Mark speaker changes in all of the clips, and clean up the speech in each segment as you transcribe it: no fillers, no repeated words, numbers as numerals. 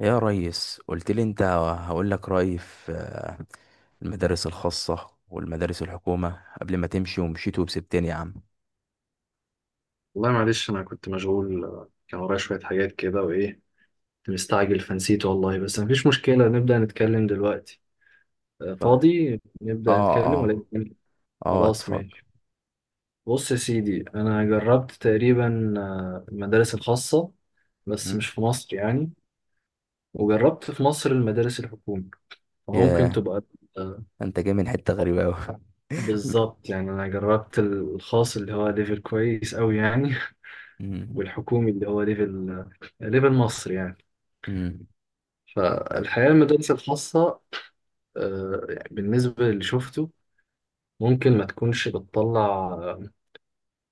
Speaker 1: يا ريس قلت لي انت هقول لك رأيي في المدارس الخاصة والمدارس الحكومة قبل ما تمشي ومشيت وسبتني يا عم.
Speaker 2: والله معلش انا كنت مشغول كان ورايا شويه حاجات كده وايه كنت مستعجل فنسيت والله. بس مفيش مشكله، نبدا نتكلم دلوقتي.
Speaker 1: طيب.
Speaker 2: فاضي نبدا
Speaker 1: اه
Speaker 2: نتكلم ولا
Speaker 1: اه
Speaker 2: نتكلم؟
Speaker 1: اه
Speaker 2: خلاص
Speaker 1: اتفضل.
Speaker 2: ماشي. بص يا سيدي، انا جربت تقريبا المدارس الخاصه، بس مش
Speaker 1: مم.
Speaker 2: في مصر يعني. وجربت في مصر المدارس الحكومي، فممكن
Speaker 1: ياه،
Speaker 2: تبقى آه،
Speaker 1: انت جاي من حتة غريبة اوي.
Speaker 2: بالظبط. يعني انا جربت الخاص اللي هو ليفل كويس قوي يعني.
Speaker 1: مم.
Speaker 2: والحكومي اللي هو ليفل مصر يعني.
Speaker 1: مم. طب.
Speaker 2: فالحياة المدارس الخاصة، يعني بالنسبة للي شفته، ممكن ما تكونش بتطلع آه،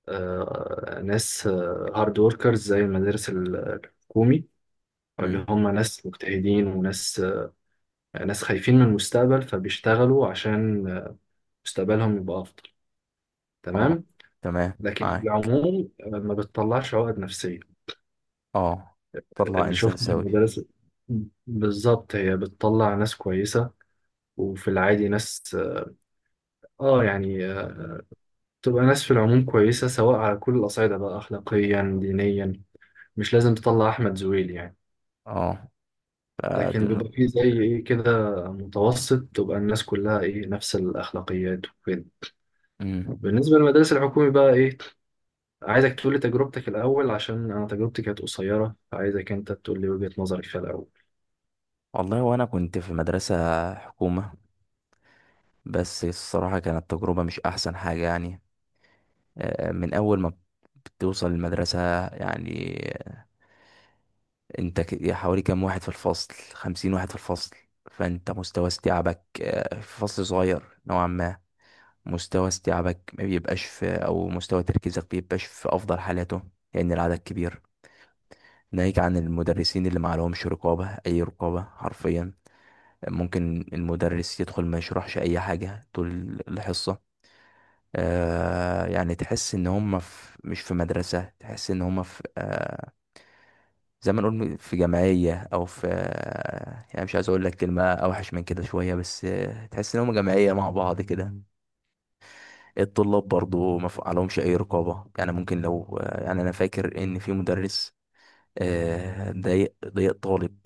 Speaker 2: آه، ناس هارد وركرز زي المدارس الحكومي، أو اللي
Speaker 1: مم.
Speaker 2: هم ناس مجتهدين وناس ناس خايفين من المستقبل، فبيشتغلوا عشان مستقبلهم يبقى أفضل،
Speaker 1: اه،
Speaker 2: تمام.
Speaker 1: تمام
Speaker 2: لكن في
Speaker 1: معاك.
Speaker 2: العموم ما بتطلعش عقد نفسية
Speaker 1: اه، طلع
Speaker 2: اللي
Speaker 1: انسان
Speaker 2: شفته في
Speaker 1: سوي.
Speaker 2: المدارس. بالظبط هي بتطلع ناس كويسة، وفي العادي ناس، اه يعني تبقى ناس في العموم كويسة، سواء على كل الأصعدة بقى، أخلاقيا دينيا. مش لازم تطلع أحمد زويل يعني،
Speaker 1: اه، آه،
Speaker 2: لكن
Speaker 1: دول-
Speaker 2: بيبقى فيه زي إيه كده متوسط، تبقى الناس كلها إيه نفس الأخلاقيات وكده.
Speaker 1: مم.
Speaker 2: بالنسبة للمدارس الحكومي بقى إيه، عايزك تقولي تجربتك الأول، عشان أنا تجربتي كانت قصيرة، فعايزك أنت تقولي وجهة نظرك فيها الأول.
Speaker 1: والله وانا كنت في مدرسة حكومة، بس الصراحة كانت تجربة مش احسن حاجة يعني. من اول ما بتوصل المدرسة يعني، انت حوالي كام واحد في الفصل؟ 50 واحد في الفصل. فانت مستوى استيعابك في فصل صغير نوعا ما، مستوى استيعابك ما بيبقاش في، او مستوى تركيزك بيبقاش في افضل حالاته لان العدد كبير. ناهيك عن المدرسين اللي معلهمش رقابة، اي رقابة حرفيا. ممكن المدرس يدخل ما يشرحش اي حاجة طول الحصة. آه يعني تحس ان هم في، مش في مدرسة، تحس ان هم في زي ما نقول في جمعية، أو في، يعني مش عايز أقول لك كلمة أوحش من كده شوية، بس تحس إنهم جمعية مع بعض كده. الطلاب برضو ما ف- عليهمش أي رقابة. يعني ممكن لو، يعني أنا فاكر إن في مدرس ضايق طالب،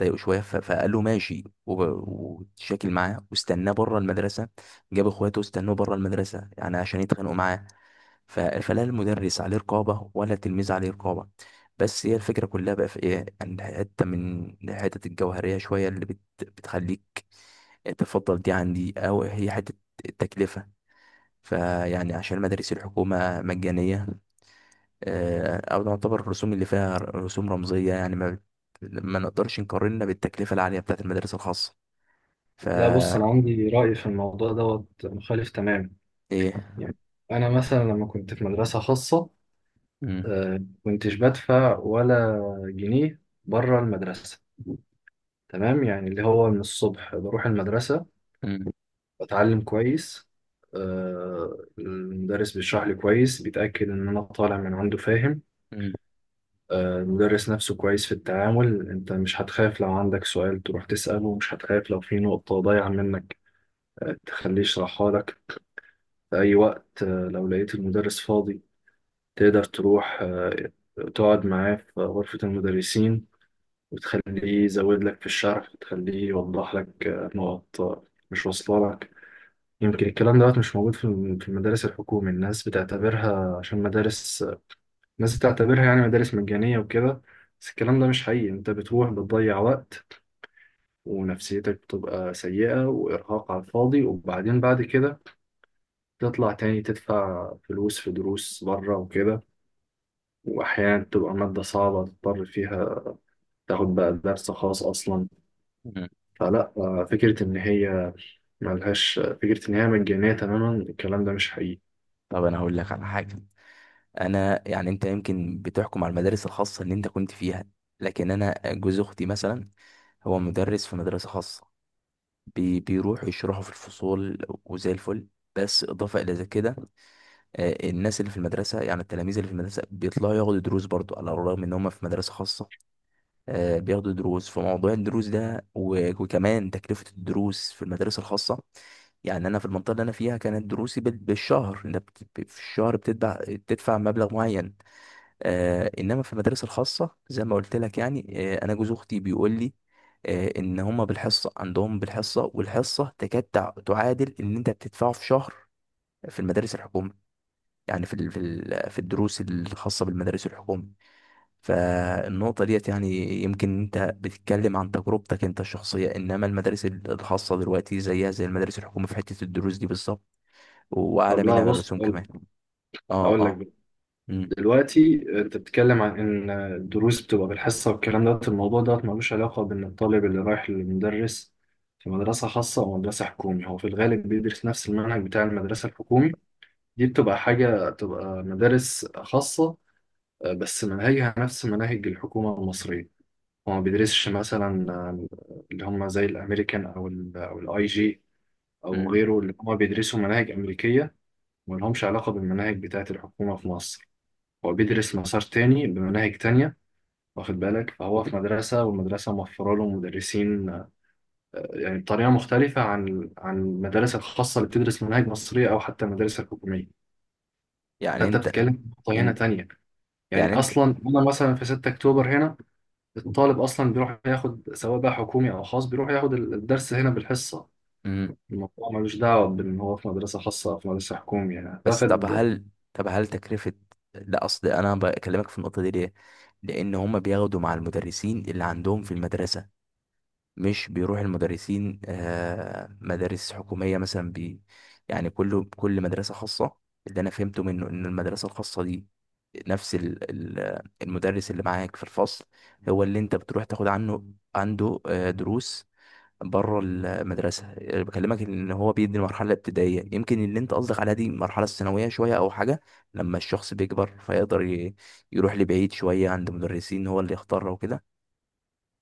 Speaker 1: ضايقه شوية فقال له ماشي واتشاكل معاه واستناه بره المدرسة. جاب إخواته واستنوه بره المدرسة يعني عشان يتخانقوا معاه. فلا المدرس عليه رقابة ولا التلميذ عليه رقابة. بس هي الفكرة كلها بقى في ايه، ان حتة من الحتت الجوهرية شوية اللي بتخليك تفضل دي عن دي، او هي حتة التكلفة. فيعني عشان مدارس الحكومة مجانية، او نعتبر الرسوم اللي فيها رسوم رمزية يعني، ما نقدرش نقارنها بالتكلفة العالية بتاعت المدارس الخاصة.
Speaker 2: لا بص، أنا
Speaker 1: فا
Speaker 2: عندي رأي في الموضوع دوت مخالف تماما.
Speaker 1: ايه.
Speaker 2: يعني أنا مثلا لما كنت في مدرسة خاصة،
Speaker 1: مم،
Speaker 2: كنتش بدفع ولا جنيه بره المدرسة. تمام؟ يعني اللي هو من الصبح بروح المدرسة،
Speaker 1: مم،
Speaker 2: بتعلم كويس، المدرس بيشرح لي كويس، بيتأكد إن أنا طالع من عنده فاهم.
Speaker 1: مم،
Speaker 2: المدرس نفسه كويس في التعامل، أنت مش هتخاف لو عندك سؤال تروح تسأله، مش هتخاف لو في نقطة ضايعة منك تخليه يشرحها لك. في أي وقت لو لقيت المدرس فاضي، تقدر تروح تقعد معاه في غرفة المدرسين، وتخليه يزود لك في الشرح، وتخليه يوضح لك نقط مش واصلة لك. يمكن الكلام دوت مش موجود في في المدارس الحكومي، الناس بتعتبرها عشان مدارس، الناس بتعتبرها يعني مدارس مجانية وكده. بس الكلام ده مش حقيقي، انت بتروح بتضيع وقت، ونفسيتك بتبقى سيئة، وإرهاق على الفاضي، وبعدين بعد كده تطلع تاني تدفع فلوس في دروس بره وكده، وأحيانا تبقى مادة صعبة تضطر فيها تاخد بقى درس خاص أصلا.
Speaker 1: مم.
Speaker 2: فلا فكرة إن هي ملهاش، فكرة إن هي مجانية تماما الكلام ده مش حقيقي.
Speaker 1: طب انا هقول لك على حاجة. انا يعني، انت يمكن بتحكم على المدارس الخاصه اللي انت كنت فيها، لكن انا جوز اختي مثلا هو مدرس في مدرسه خاصه. بيروح يشرحه في الفصول وزي الفل، بس اضافه الى كده الناس اللي في المدرسه، يعني التلاميذ اللي في المدرسه بيطلعوا ياخدوا دروس برضو على الرغم ان هم في مدرسه خاصه. بياخدوا دروس. فموضوع الدروس ده وكمان تكلفه الدروس في المدارس الخاصه، يعني انا في المنطقه اللي انا فيها كانت دروسي بالشهر. انت في الشهر بتدفع، بتدفع مبلغ معين. آه، انما في المدارس الخاصه زي ما قلت لك، يعني آه، انا جوز اختي بيقول لي آه ان هما بالحصه، عندهم بالحصه، والحصه تكاد تعادل اللي انت بتدفعه في شهر في المدارس الحكوميه. يعني في في الدروس الخاصه بالمدارس الحكوميه. فالنقطه ديت يعني، يمكن انت بتتكلم عن تجربتك انت الشخصيه، انما المدارس الخاصه دلوقتي زيها زي المدارس الحكوميه في حته الدروس دي بالظبط، واعلى
Speaker 2: طب لا
Speaker 1: منها من
Speaker 2: بص،
Speaker 1: الرسوم كمان.
Speaker 2: أقول
Speaker 1: اه
Speaker 2: أقول
Speaker 1: اه
Speaker 2: لك
Speaker 1: امم
Speaker 2: دلوقتي، انت بتتكلم عن ان الدروس بتبقى بالحصه، والكلام دوت الموضوع دوت ملوش علاقه بان الطالب اللي رايح للمدرس في مدرسه خاصه او مدرسه حكومي، هو في الغالب بيدرس نفس المنهج بتاع المدرسه الحكومي. دي بتبقى حاجه، بتبقى مدارس خاصه بس مناهجها نفس مناهج الحكومه المصريه. هو ما بيدرسش مثلا اللي هم زي الامريكان او الاي جي او
Speaker 1: امم
Speaker 2: غيره، اللي هم بيدرسوا مناهج امريكيه ما لهمش علاقه بالمناهج بتاعه الحكومه في مصر. هو بيدرس مسار تاني بمناهج تانية، واخد بالك، فهو في مدرسة، والمدرسة موفرة له مدرسين يعني بطريقة مختلفة عن المدارس الخاصة اللي بتدرس مناهج مصرية، أو حتى المدارس الحكومية.
Speaker 1: يعني
Speaker 2: فأنت
Speaker 1: انت
Speaker 2: بتتكلم في خطة هنا
Speaker 1: انت
Speaker 2: تانية،
Speaker 1: يعني
Speaker 2: يعني
Speaker 1: انت.
Speaker 2: أصلا أنا مثلا في 6 أكتوبر هنا الطالب أصلا بيروح ياخد، سواء بقى حكومي أو خاص، بيروح ياخد الدرس هنا بالحصة.
Speaker 1: مم.
Speaker 2: الموضوع ملوش دعوة بإن هو في مدرسة خاصة أو في مدرسة حكومية، يعني
Speaker 1: بس طب
Speaker 2: هتاخد.
Speaker 1: هل، طب هل تكلفة، لا اصل انا بكلمك في النقطة دي ليه، لان هما بياخدوا مع المدرسين اللي عندهم في المدرسة. مش بيروح المدرسين آه، مدارس حكومية مثلا. يعني كله، كل مدرسة خاصة اللي انا فهمته منه ان المدرسة الخاصة دي نفس المدرس اللي معاك في الفصل هو اللي انت بتروح تاخد عنه، عنده دروس بره المدرسه. أنا بكلمك ان هو بيدي المرحله الابتدائيه، يمكن اللي انت قصدك عليها دي المرحله الثانويه شويه او حاجه، لما الشخص بيكبر فيقدر يروح لبعيد شويه عند مدرسين هو اللي يختاره وكده.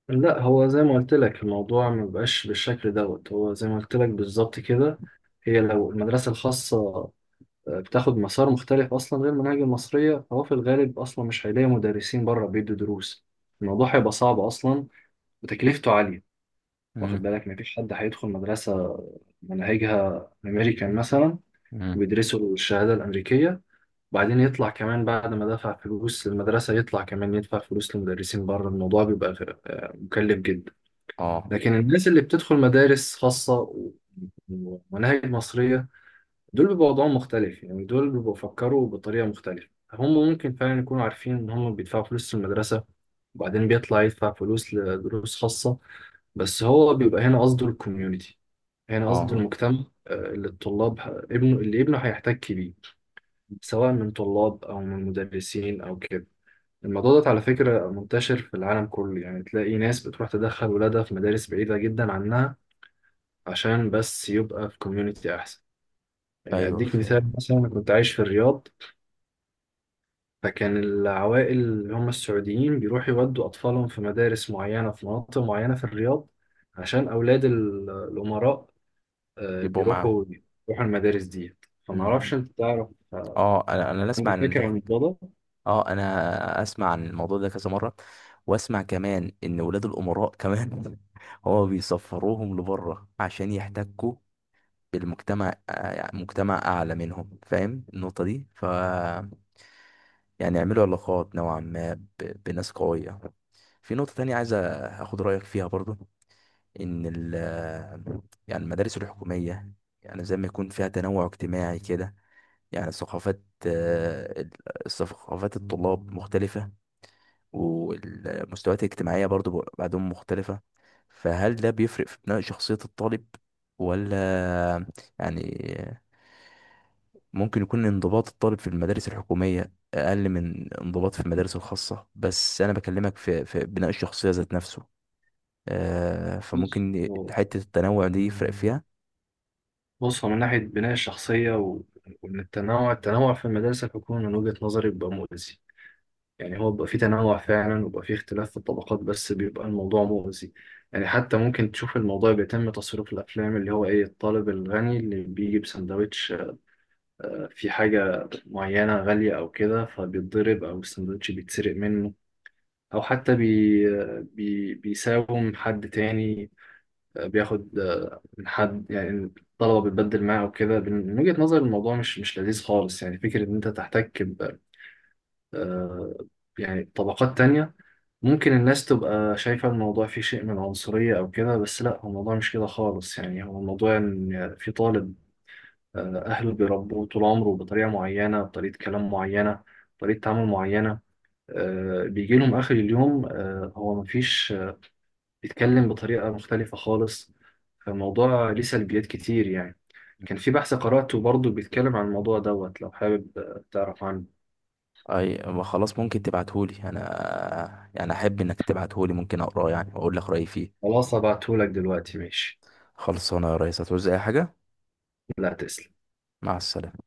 Speaker 2: لا هو زي ما قلت لك، الموضوع ما بقاش بالشكل دوت، هو زي ما قلت لك بالظبط كده، هي لو المدرسة الخاصة بتاخد مسار مختلف أصلا غير المناهج المصرية، فهو في الغالب أصلا مش هيلاقي مدرسين بره بيدوا دروس، الموضوع هيبقى صعب أصلا وتكلفته عالية. واخد
Speaker 1: مم.
Speaker 2: بالك، مفيش حد هيدخل مدرسة مناهجها أمريكان مثلا،
Speaker 1: مم.
Speaker 2: بيدرسوا الشهادة الأمريكية، وبعدين يطلع كمان بعد ما دفع فلوس للمدرسة، يطلع كمان يدفع فلوس لمدرسين بره، الموضوع بيبقى مكلف جدا.
Speaker 1: اه
Speaker 2: لكن الناس اللي بتدخل مدارس خاصة ومناهج مصرية، دول بيبقوا وضعهم مختلف، يعني دول بيبقوا بيفكروا بطريقة مختلفة، هم ممكن فعلا يكونوا عارفين إن هم بيدفعوا فلوس للمدرسة، وبعدين بيطلع يدفع فلوس لدروس خاصة، بس هو بيبقى هنا قصده الكوميونتي، هنا قصده
Speaker 1: اه
Speaker 2: المجتمع اللي الطلاب ابنه هيحتك بيه، سواء من طلاب أو من مدرسين أو كده. الموضوع ده على فكرة منتشر في العالم كله، يعني تلاقي ناس بتروح تدخل ولادها في مدارس بعيدة جدا عنها، عشان بس يبقى في كوميونتي أحسن. يعني
Speaker 1: ايوه
Speaker 2: أديك
Speaker 1: فاهم.
Speaker 2: مثال، مثلا أنا كنت عايش في الرياض، فكان العوائل اللي هم السعوديين بيروحوا يودوا أطفالهم في مدارس معينة في مناطق معينة في الرياض، عشان أولاد الأمراء
Speaker 1: يبقوا
Speaker 2: بيروحوا،
Speaker 1: معاهم.
Speaker 2: بيروحوا المدارس دي. فمعرفش
Speaker 1: أمم.
Speaker 2: أنت تعرف آه،
Speaker 1: اه، انا اسمع
Speaker 2: عندك
Speaker 1: عن
Speaker 2: فكرة عن
Speaker 1: الحاج.
Speaker 2: الموضوع ده؟
Speaker 1: اه، انا اسمع عن الموضوع ده كذا مره، واسمع كمان ان ولاد الامراء كمان هو بيسفروهم لبره عشان يحتكوا بالمجتمع، يعني مجتمع اعلى منهم، فاهم النقطة دي؟ ف يعني يعملوا علاقات نوعا ما بناس قوية. في نقطة تانية عايز اخد رأيك فيها برضو، ان ال، يعني المدارس الحكومية يعني زي ما يكون فيها تنوع اجتماعي كده، يعني ثقافات آه، ال- ثقافات الطلاب مختلفة، والمستويات الاجتماعية برضو بعدهم مختلفة. فهل ده بيفرق في بناء شخصية الطالب ولا؟ يعني ممكن يكون انضباط الطالب في المدارس الحكومية أقل من انضباط في المدارس الخاصة، بس أنا بكلمك في, في بناء الشخصية ذات نفسه.
Speaker 2: بص
Speaker 1: فممكن
Speaker 2: هو-
Speaker 1: حتة التنوع دي يفرق فيها.
Speaker 2: بص، هو من ناحية بناء الشخصية وإن التنوع، التنوع في المدارس الحكومية من وجهة نظري بيبقى مؤذي. يعني هو بيبقى فيه تنوع فعلا، وبيبقى فيه اختلاف في الطبقات، بس بيبقى الموضوع مؤذي. يعني حتى ممكن تشوف الموضوع بيتم تصريف الأفلام، اللي هو إيه الطالب الغني اللي بيجي بسندوتش في حاجة معينة غالية أو كده، فبيتضرب أو السندوتش بيتسرق منه، أو حتى بي آه، بي بيساوم حد تاني بياخد من حد، يعني الطلبة بتبدل معاه وكده. من وجهة نظر الموضوع مش لذيذ خالص، يعني فكرة إن أنت تحتك ب آه، يعني طبقات تانية. ممكن الناس تبقى شايفة الموضوع فيه شيء من العنصرية أو كده، بس لا هو الموضوع مش كده خالص، يعني هو الموضوع إن في طالب أهله بيربوه طول عمره بطريقة معينة، بطريقة كلام معينة، بطريقة تعامل معينة، بيجي لهم آخر اليوم، آه، هو مفيش آه، بيتكلم بطريقة مختلفة خالص. فالموضوع ليه سلبيات كتير يعني. كان في بحث قرأته برضه بيتكلم عن الموضوع دوت، لو حابب تعرف عنه،
Speaker 1: أي ما خلاص، ممكن تبعتهولي أنا، يعني أحب إنك تبعتهولي، ممكن أقراه يعني وأقول لك رأيي فيه.
Speaker 2: خلاص هبعتهولك دلوقتي، ماشي.
Speaker 1: خلصانة يا ريس، هتعوز أي حاجة؟
Speaker 2: لا تسلم.
Speaker 1: مع السلامة.